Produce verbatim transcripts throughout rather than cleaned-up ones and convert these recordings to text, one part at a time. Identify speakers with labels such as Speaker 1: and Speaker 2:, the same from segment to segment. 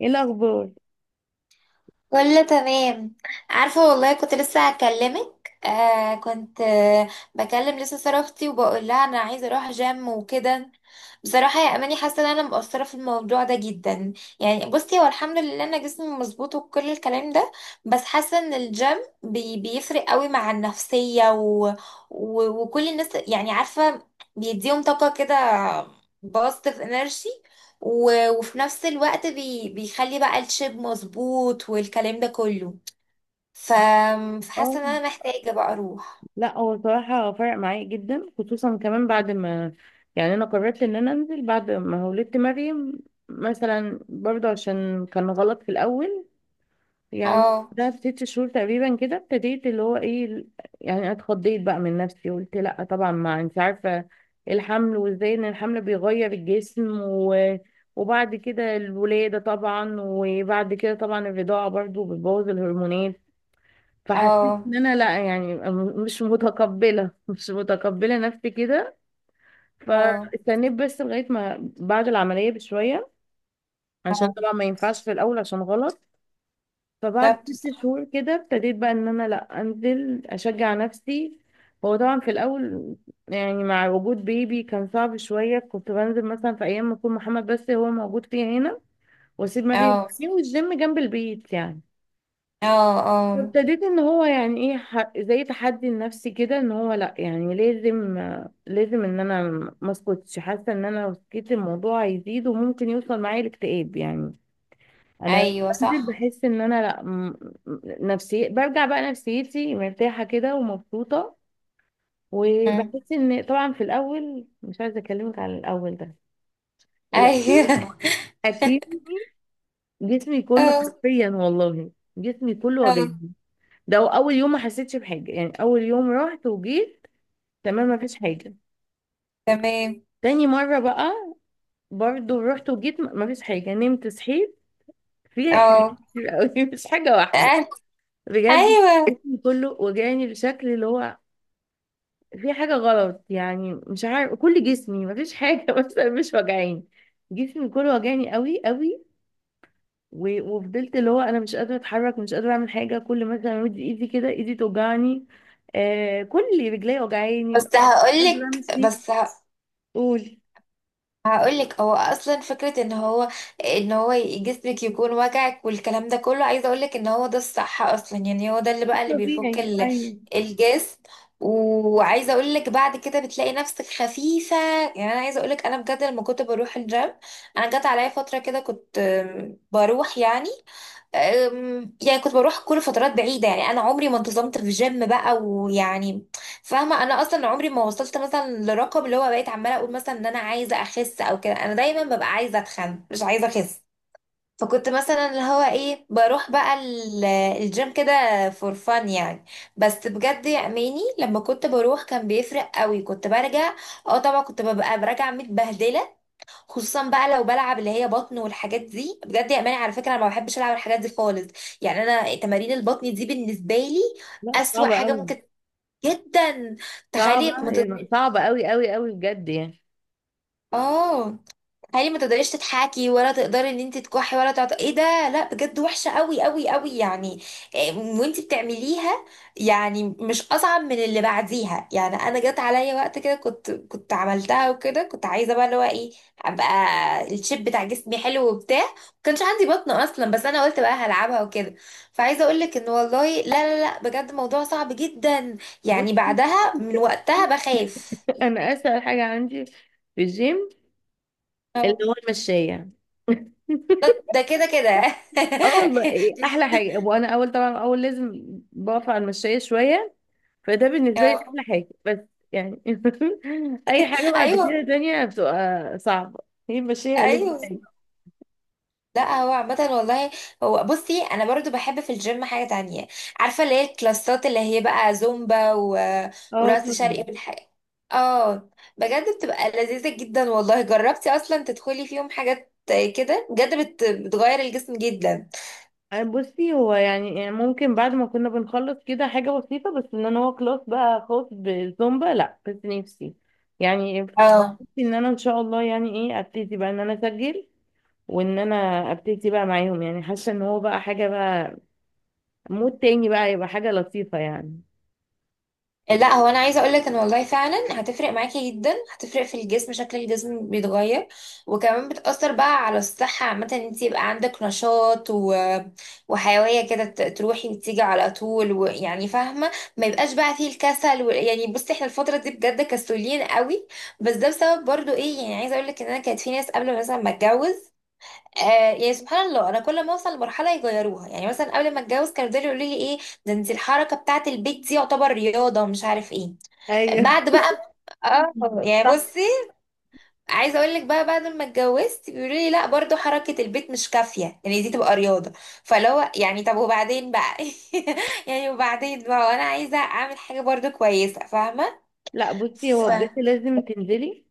Speaker 1: ايه الاخبار؟
Speaker 2: كله تمام. عارفة والله كنت لسه هكلمك، آه كنت آه بكلم لسه سارة اختي وبقول لها انا عايزة اروح جيم وكده. بصراحة يا اماني حاسة ان انا مقصرة في الموضوع ده جدا. يعني بصي هو الحمد لله انا جسمي مظبوط وكل الكلام ده، بس حاسة ان الجيم بي بيفرق قوي مع النفسية و و وكل الناس يعني عارفة، بيديهم طاقة كده، باست في انرجي، و- وفي نفس الوقت بي... بيخلي بقى الشيب مظبوط والكلام ده كله. ف...
Speaker 1: اه.
Speaker 2: فحاسه ان انا محتاجه بقى اروح.
Speaker 1: لا هو صراحه فرق معايا جدا، خصوصا كمان بعد ما يعني انا قررت ان انا انزل بعد ما ولدت مريم. مثلا برضه عشان كان غلط في الاول يعني.
Speaker 2: اه،
Speaker 1: ده في ست شهور تقريبا كده ابتديت اللي هو ايه ال- يعني اتخضيت بقى من نفسي. قلت لا طبعا ما انت عارفه، الحمل وازاي ان الحمل بيغير الجسم و... وبعد كده الولاده طبعا، وبعد كده طبعا الرضاعه برضه بتبوظ الهرمونات. فحسيت ان
Speaker 2: اه،
Speaker 1: انا لا يعني م- مش متقبله مش متقبله نفسي كده.
Speaker 2: اه،
Speaker 1: فاستنيت بس لغايه ما بعد العمليه بشويه، عشان طبعا ما ينفعش في الاول عشان غلط. فبعد
Speaker 2: بالظبط
Speaker 1: ست
Speaker 2: صح.
Speaker 1: شهور كده ابتديت بقى ان انا لا انزل اشجع نفسي. هو طبعا في الاول يعني مع وجود بيبي كان صعب شويه، كنت بنزل مثلا في ايام ما يكون محمد بس هو موجود فيها هنا واسيب ما بيه،
Speaker 2: اه،
Speaker 1: والجيم جنب البيت يعني.
Speaker 2: اه، اه،
Speaker 1: فابتديت ان هو يعني ايه ح- زي تحدي لنفسي كده، ان هو لا يعني لازم لازم ان انا ما اسكتش. حاسه ان انا لو سكت الموضوع هيزيد وممكن يوصل معايا الاكتئاب يعني. انا
Speaker 2: ايوه
Speaker 1: بنزل
Speaker 2: صح.
Speaker 1: بحس ان انا لا م- م- نفسي برجع بقى نفسيتي مرتاحه كده ومبسوطه.
Speaker 2: مم.
Speaker 1: وبحس ان طبعا في الاول مش عايزه اكلمك على الاول ده، الاول
Speaker 2: ايوه.
Speaker 1: اكيد جسمي كله
Speaker 2: اه،
Speaker 1: حرفيا والله، جسمي كله
Speaker 2: اه،
Speaker 1: وجعني. ده اول يوم ما حسيتش بحاجه، يعني اول يوم رحت وجيت تمام مفيش حاجة.
Speaker 2: تمام،
Speaker 1: تاني مرة بقى برضو رحت وجيت، م- مفيش حاجة، نمت صحيت. في حاجات
Speaker 2: اه،
Speaker 1: كتير قوي مش حاجة واحدة
Speaker 2: آه،
Speaker 1: بجد.
Speaker 2: ايوه.
Speaker 1: جسمي كله وجعني بشكل اللي هو في حاجة غلط، يعني مش عارف، كل جسمي مفيش حاجة مثلا مش وجعاني. جسمي كله وجعني قوي قوي. و- وفضلت اللي هو انا مش قادرة اتحرك، مش قادرة اعمل حاجة، كل مثلا امد ايدي كده ايدي توجعني، آه كل رجلي وجعاني مش
Speaker 2: بس
Speaker 1: قادرة
Speaker 2: هقولك
Speaker 1: امشي.
Speaker 2: بس ه-
Speaker 1: قولي.
Speaker 2: هقولك هو اصلا فكره ان هو ان هو جسمك يكون وجعك والكلام ده كله، عايزه اقولك ان هو ده الصح اصلا، يعني هو ده اللي بقى اللي بيفك
Speaker 1: طبيعي
Speaker 2: ال-
Speaker 1: ايوه.
Speaker 2: الجسم. وعايزه اقولك بعد كده بتلاقي نفسك خفيفه. يعني انا عايزه اقولك انا بجد لما كنت بروح الجيم، انا جت عليا فتره كده كنت آم، بروح يعني، أم، يعني كنت بروح كل فترات بعيدة، يعني أنا عمري ما انتظمت في جيم بقى ويعني فاهمة. أنا أصلا عمري ما وصلت مثلا لرقم اللي هو بقيت عمالة أقول مثلا إن أنا عايزة أخس أو كده، أنا دايما ببقى عايزة أتخن مش عايزة أخس. فكنت مثلا اللي هو إيه، بروح بقى ال- الجيم كده فور فان يعني. بس بجد يا أماني لما كنت بروح كان بيفرق قوي، كنت برجع، اه طبعا كنت ببقى برجع متبهدلة. خصوصا بقى لو بلعب اللي هي بطن والحاجات دي، بجد يا اماني على فكره انا ما بحبش العب الحاجات دي خالص. يعني انا تمارين البطن دي بالنسبه لي
Speaker 1: لا
Speaker 2: اسوأ
Speaker 1: صعبة
Speaker 2: حاجه
Speaker 1: قوي.
Speaker 2: ممكن جدا.
Speaker 1: صعبة
Speaker 2: تخيلي،
Speaker 1: يعني، صعبة أوي أوي أوي بجد يعني.
Speaker 2: اه، تخيلي، ما تقدريش تضحكي ولا تقدري ان انت تكحي ولا تعط... ايه ده، لا بجد وحشه قوي قوي قوي يعني. إيه، وانت بتعمليها، يعني مش اصعب من اللي بعديها. يعني انا جت عليا وقت كده كنت كنت عملتها وكده، كنت عايزه بقى اللي هو ايه، ابقى الشيب بتاع جسمي حلو وبتاع، ما كانش عندي بطن اصلا بس انا قلت بقى هلعبها وكده. فعايزه اقول لك ان والله لا لا لا، بجد موضوع صعب جدا.
Speaker 1: بص،
Speaker 2: يعني بعدها من وقتها بخاف.
Speaker 1: أنا أسهل حاجة عندي في الجيم اللي هو المشاية.
Speaker 2: ده ده كده كده.
Speaker 1: اه والله إيه، أحلى حاجة. وأنا أول طبعا أول لازم بقف على المشاية شوية، فده بالنسبة لي
Speaker 2: آه،
Speaker 1: أحلى حاجة. بس يعني أي حاجة بعد
Speaker 2: ايوه،
Speaker 1: كده تانية بتبقى صعبة. هي المشاية ألذ
Speaker 2: ايوه.
Speaker 1: حاجة.
Speaker 2: لا هو عامة والله، هو بصي انا برضو بحب في الجيم حاجة تانية، عارفة اللي هي الكلاسات اللي هي بقى زومبا و...
Speaker 1: اه
Speaker 2: ورقص شرقي
Speaker 1: طبعا.
Speaker 2: والحاجة، اه. بجد بتبقى لذيذة جدا والله، جربتي اصلا تدخلي فيهم حاجات كده بجد بت... بتغير الجسم جدا.
Speaker 1: آه، بصي هو يعني يعني ممكن بعد ما كنا بنخلص كده حاجة بسيطة، بس ان انا هو كلاس بقى خاص بالزومبا لا، بس نفسي يعني، نفسي
Speaker 2: اه،
Speaker 1: ان انا ان شاء الله يعني ايه ابتدي بقى ان انا اسجل وان انا ابتدي بقى معاهم. يعني حاسة ان هو بقى حاجة بقى، مود تاني بقى، يبقى حاجة لطيفة يعني.
Speaker 2: آه، لا هو انا عايزه اقول لك ان والله فعلا هتفرق معاكي جدا، هتفرق في الجسم، شكل الجسم بيتغير. وكمان بتاثر بقى على الصحه عامه ان انت يبقى عندك نشاط و... وحيويه كده، ت- تروحي وتيجي على طول ويعني فاهمه، ما يبقاش بقى فيه الكسل و... يعني بصي احنا الفتره دي بجد كسولين قوي. بس ده بسبب برضو ايه، يعني عايزه اقول لك ان انا كانت في ناس قبل مثلا ما اتجوز، آه، يعني سبحان الله انا كل ما اوصل لمرحله يغيروها. يعني مثلا قبل ما اتجوز كانوا يفضلوا يقولوا لي ايه، ده انت الحركه بتاعه البيت دي يعتبر رياضه مش عارف ايه.
Speaker 1: ايوه
Speaker 2: بعد بقى، اه، يعني
Speaker 1: صح.
Speaker 2: بصي، عايزه اقول لك بقى بعد ما اتجوزت بيقولوا لي لا برضو حركه البيت مش كافيه يعني دي تبقى رياضه. فلو يعني طب وبعدين بقى، يعني وبعدين بقى وانا عايزه اعمل حاجه برضو كويسه فاهمه.
Speaker 1: لا بصي
Speaker 2: ف
Speaker 1: هو بجد لازم تنزلي،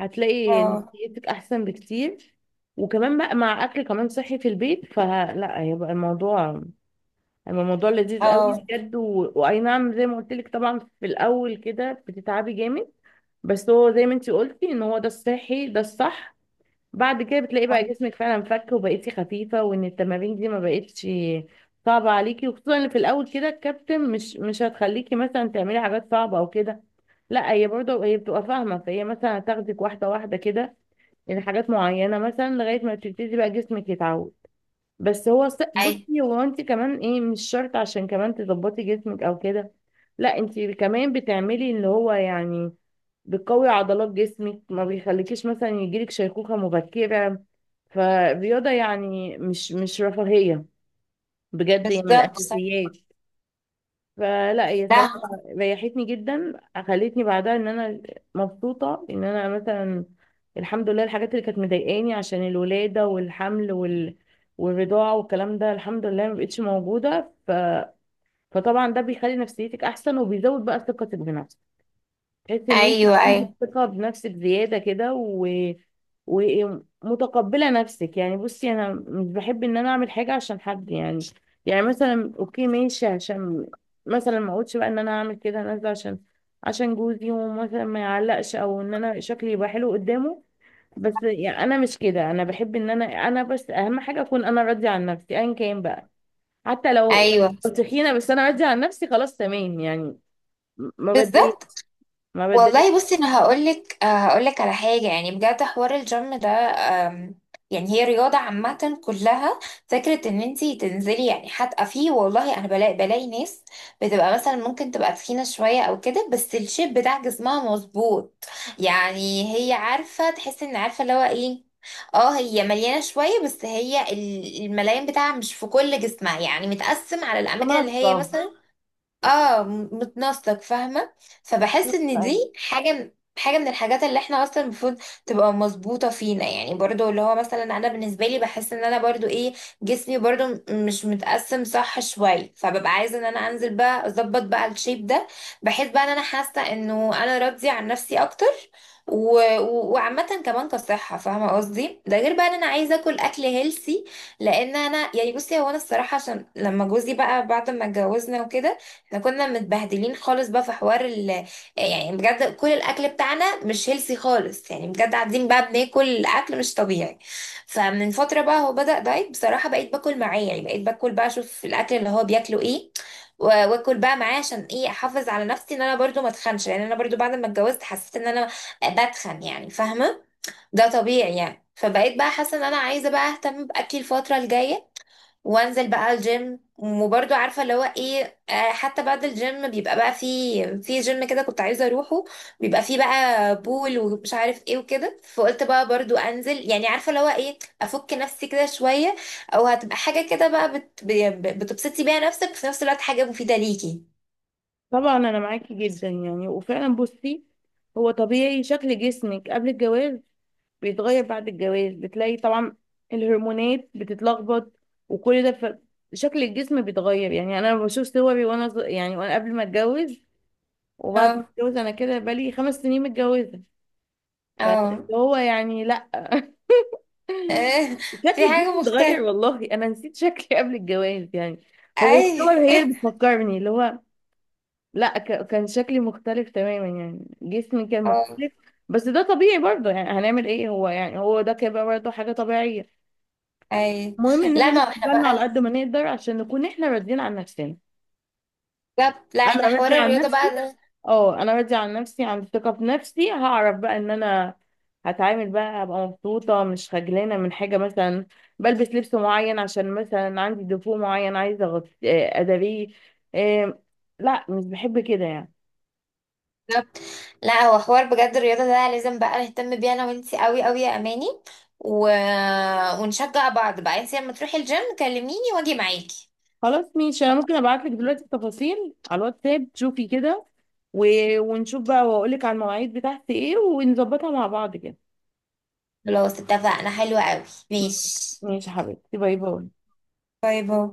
Speaker 1: هتلاقي
Speaker 2: اه،
Speaker 1: نفسيتك احسن بكتير. وكمان بقى مع اكل كمان صحي في البيت، فلا هيبقى الموضوع، أما الموضوع لذيذ قوي
Speaker 2: اه،
Speaker 1: بجد. و... واي نعم، زي ما قلت لك طبعا في الاول كده بتتعبي جامد، بس هو زي ما انتي قلتي ان هو ده الصحي، ده الصح. بعد كده بتلاقي بقى جسمك فعلا فك، وبقيتي خفيفة، وان التمارين دي ما بقتش صعبة عليكي. وخصوصا ان في الاول كده الكابتن مش مش هتخليكي مثلا تعملي حاجات صعبة او كده. لا هي برضه هي بتبقى فاهمة، فهي مثلا هتاخدك واحدة واحدة كده لحاجات معينة، مثلا لغاية ما تبتدي بقى جسمك يتعود. بس هو س-
Speaker 2: اي،
Speaker 1: بصي هو انت كمان ايه، مش شرط عشان كمان تظبطي جسمك او كده. لا انت كمان بتعملي اللي هو يعني بتقوي عضلات جسمك، ما بيخليكيش مثلا يجيلك شيخوخة مبكرة. فالرياضة يعني مش مش رفاهية، بجد هي من
Speaker 2: بالظبط صح.
Speaker 1: الأساسيات. فلا هي صراحة
Speaker 2: لا،
Speaker 1: ريحتني جدا، خلتني بعدها ان انا مبسوطة ان انا مثلا الحمد لله الحاجات اللي كانت مضايقاني عشان الولادة والحمل وال... والرضاعة والكلام ده الحمد لله ما بقتش موجودة. ف... فطبعا ده بيخلي نفسيتك احسن، وبيزود بقى ثقتك بنفسك، تحس ان انت
Speaker 2: ايوه،
Speaker 1: عندك
Speaker 2: ايوه،
Speaker 1: ثقه بنفسك زياده كده، و... ومتقبله نفسك. يعني بصي انا مش بحب ان انا اعمل حاجه عشان حد، يعني يعني مثلا اوكي ماشي، عشان مثلا ما اقولش بقى ان انا هعمل كده، انا نازله عشان عشان جوزي، ومثلا ما يعلقش، او ان انا شكلي يبقى حلو قدامه. بس يعني انا مش كده، انا بحب ان انا انا بس اهم حاجه اكون انا راضيه عن نفسي ايا كان بقى، حتى لو
Speaker 2: ايوه،
Speaker 1: لو تخينه بس انا راضيه عن نفسي، خلاص تمام يعني، ما
Speaker 2: بالظبط.
Speaker 1: بتضايقش، ما
Speaker 2: والله
Speaker 1: بتضايقش.
Speaker 2: بصي انا هقولك، آه، هقولك على حاجه، يعني بجد حوار الجيم ده، آم، يعني هي رياضه عامه كلها. فكره ان انتي تنزلي، يعني حتى فيه والله انا بلاقي بلاقي ناس بتبقى مثلا ممكن تبقى تخينه شويه او كده بس الشيب بتاع جسمها مظبوط، يعني هي عارفه تحس ان عارفه اللي هو ايه. اه هي مليانه شويه بس هي ال- الملايين بتاعها مش في كل جسمها يعني متقسم على الاماكن، اللي هي
Speaker 1: متناقضة،
Speaker 2: مثلا اه م- متناسق فاهمة. فبحس
Speaker 1: متناقضة
Speaker 2: ان
Speaker 1: أيوة.
Speaker 2: دي حاجة حاجة من الحاجات اللي احنا اصلا المفروض تبقى مظبوطة فينا. يعني برضو اللي هو مثلا انا بالنسبة لي بحس ان انا برضو ايه، جسمي برضو م- مش متقسم صح شوية، فببقى عايزة ان انا انزل بقى اظبط بقى الشيب ده، بحيث بقى ان انا حاسة انه انا راضية عن نفسي اكتر. و... و... وعامة كمان كصحة فاهمة قصدي، ده غير بقى ان انا عايزة اكل اكل هيلسي. لان انا يعني بصي هو انا الصراحة، عشان لما جوزي بقى بعد ما اتجوزنا وكده احنا كنا متبهدلين خالص بقى في حوار ال يعني بجد كل الاكل بتاعنا مش هيلسي خالص، يعني بجد قاعدين بقى بناكل اكل مش طبيعي. فمن فتره بقى هو بدأ دايت بصراحه، بقيت باكل معاه، يعني بقيت باكل بقى اشوف الاكل اللي هو بياكله ايه، و- واكل بقى معاه عشان ايه احافظ على نفسي ان انا برضو ما اتخنش، لان انا برضو بعد ما اتجوزت حسيت ان انا بتخن يعني فاهمه، ده طبيعي يعني. فبقيت بقى حاسه ان انا عايزه بقى اهتم باكلي الفتره الجايه، وانزل بقى الجيم. وبرضه عارفه اللي هو ايه، آه، حتى بعد الجيم بيبقى بقى في، في جيم كده كنت عايزه اروحه بيبقى فيه بقى بول ومش عارف ايه وكده، فقلت بقى برضه انزل يعني عارفه اللي هو ايه افك نفسي كده شويه، او هتبقى حاجه كده بقى بت... ب- ب- بتبسطي بيها نفسك وفي نفس الوقت حاجه مفيده ليكي.
Speaker 1: طبعا أنا معاكي جدا يعني، وفعلا بصي هو طبيعي شكل جسمك قبل الجواز بيتغير بعد الجواز، بتلاقي طبعا الهرمونات بتتلخبط وكل ده. ف... شكل الجسم بيتغير، يعني أنا بشوف صوري وأنا ص- يعني وأنا قبل ما أتجوز وبعد ما
Speaker 2: اه،
Speaker 1: أتجوز. أنا كده بقالي خمس سنين متجوزة،
Speaker 2: اه،
Speaker 1: فهو يعني لأ
Speaker 2: آه،
Speaker 1: شكل
Speaker 2: في حاجه
Speaker 1: الجسم اتغير
Speaker 2: مختلفه.
Speaker 1: والله. أنا نسيت شكلي قبل الجواز يعني، هو
Speaker 2: اي،
Speaker 1: الصور هي اللي بتفكرني اللي هو، لا ك- كان شكلي مختلف تماما يعني، جسمي كان
Speaker 2: اه،
Speaker 1: مختلف. بس ده طبيعي برضه، يعني هنعمل ايه، هو يعني هو ده كده برضه حاجة طبيعية.
Speaker 2: اي.
Speaker 1: المهم ان احنا
Speaker 2: لا ما
Speaker 1: ناخد
Speaker 2: احنا
Speaker 1: بالنا على
Speaker 2: بقى،
Speaker 1: قد ما نقدر عشان نكون احنا راضيين عن نفسنا.
Speaker 2: لا لا،
Speaker 1: انا
Speaker 2: احنا حوار
Speaker 1: راضية عن
Speaker 2: الرياضه بقى
Speaker 1: نفسي. اه انا راضية عن نفسي، عندي ثقة في نفسي، هعرف بقى ان انا هتعامل بقى ابقى مبسوطة، مش خجلانة من حاجة، مثلا بلبس لبس معين عشان مثلا عندي دفوع معين عايزة أغط- آه، اداريه. آه، لا مش بحب كده يعني.
Speaker 2: ده. لا هو حوار بجد الرياضة ده لازم بقى نهتم بيها انا وانتي قوي قوي يا اماني، و... ونشجع بعض بقى. انتي لما تروحي الجيم كلميني واجي معاكي.
Speaker 1: خلاص ماشي، انا ممكن ابعت لك دلوقتي التفاصيل على الواتساب تشوفي كده، و... ونشوف بقى واقول لك على المواعيد بتاعتي ايه، ونظبطها مع بعض كده.
Speaker 2: خلاص اتفقنا، حلوة قوي.
Speaker 1: مم.
Speaker 2: ماشي،
Speaker 1: ماشي يا حبيبتي، باي باي.
Speaker 2: باي باي.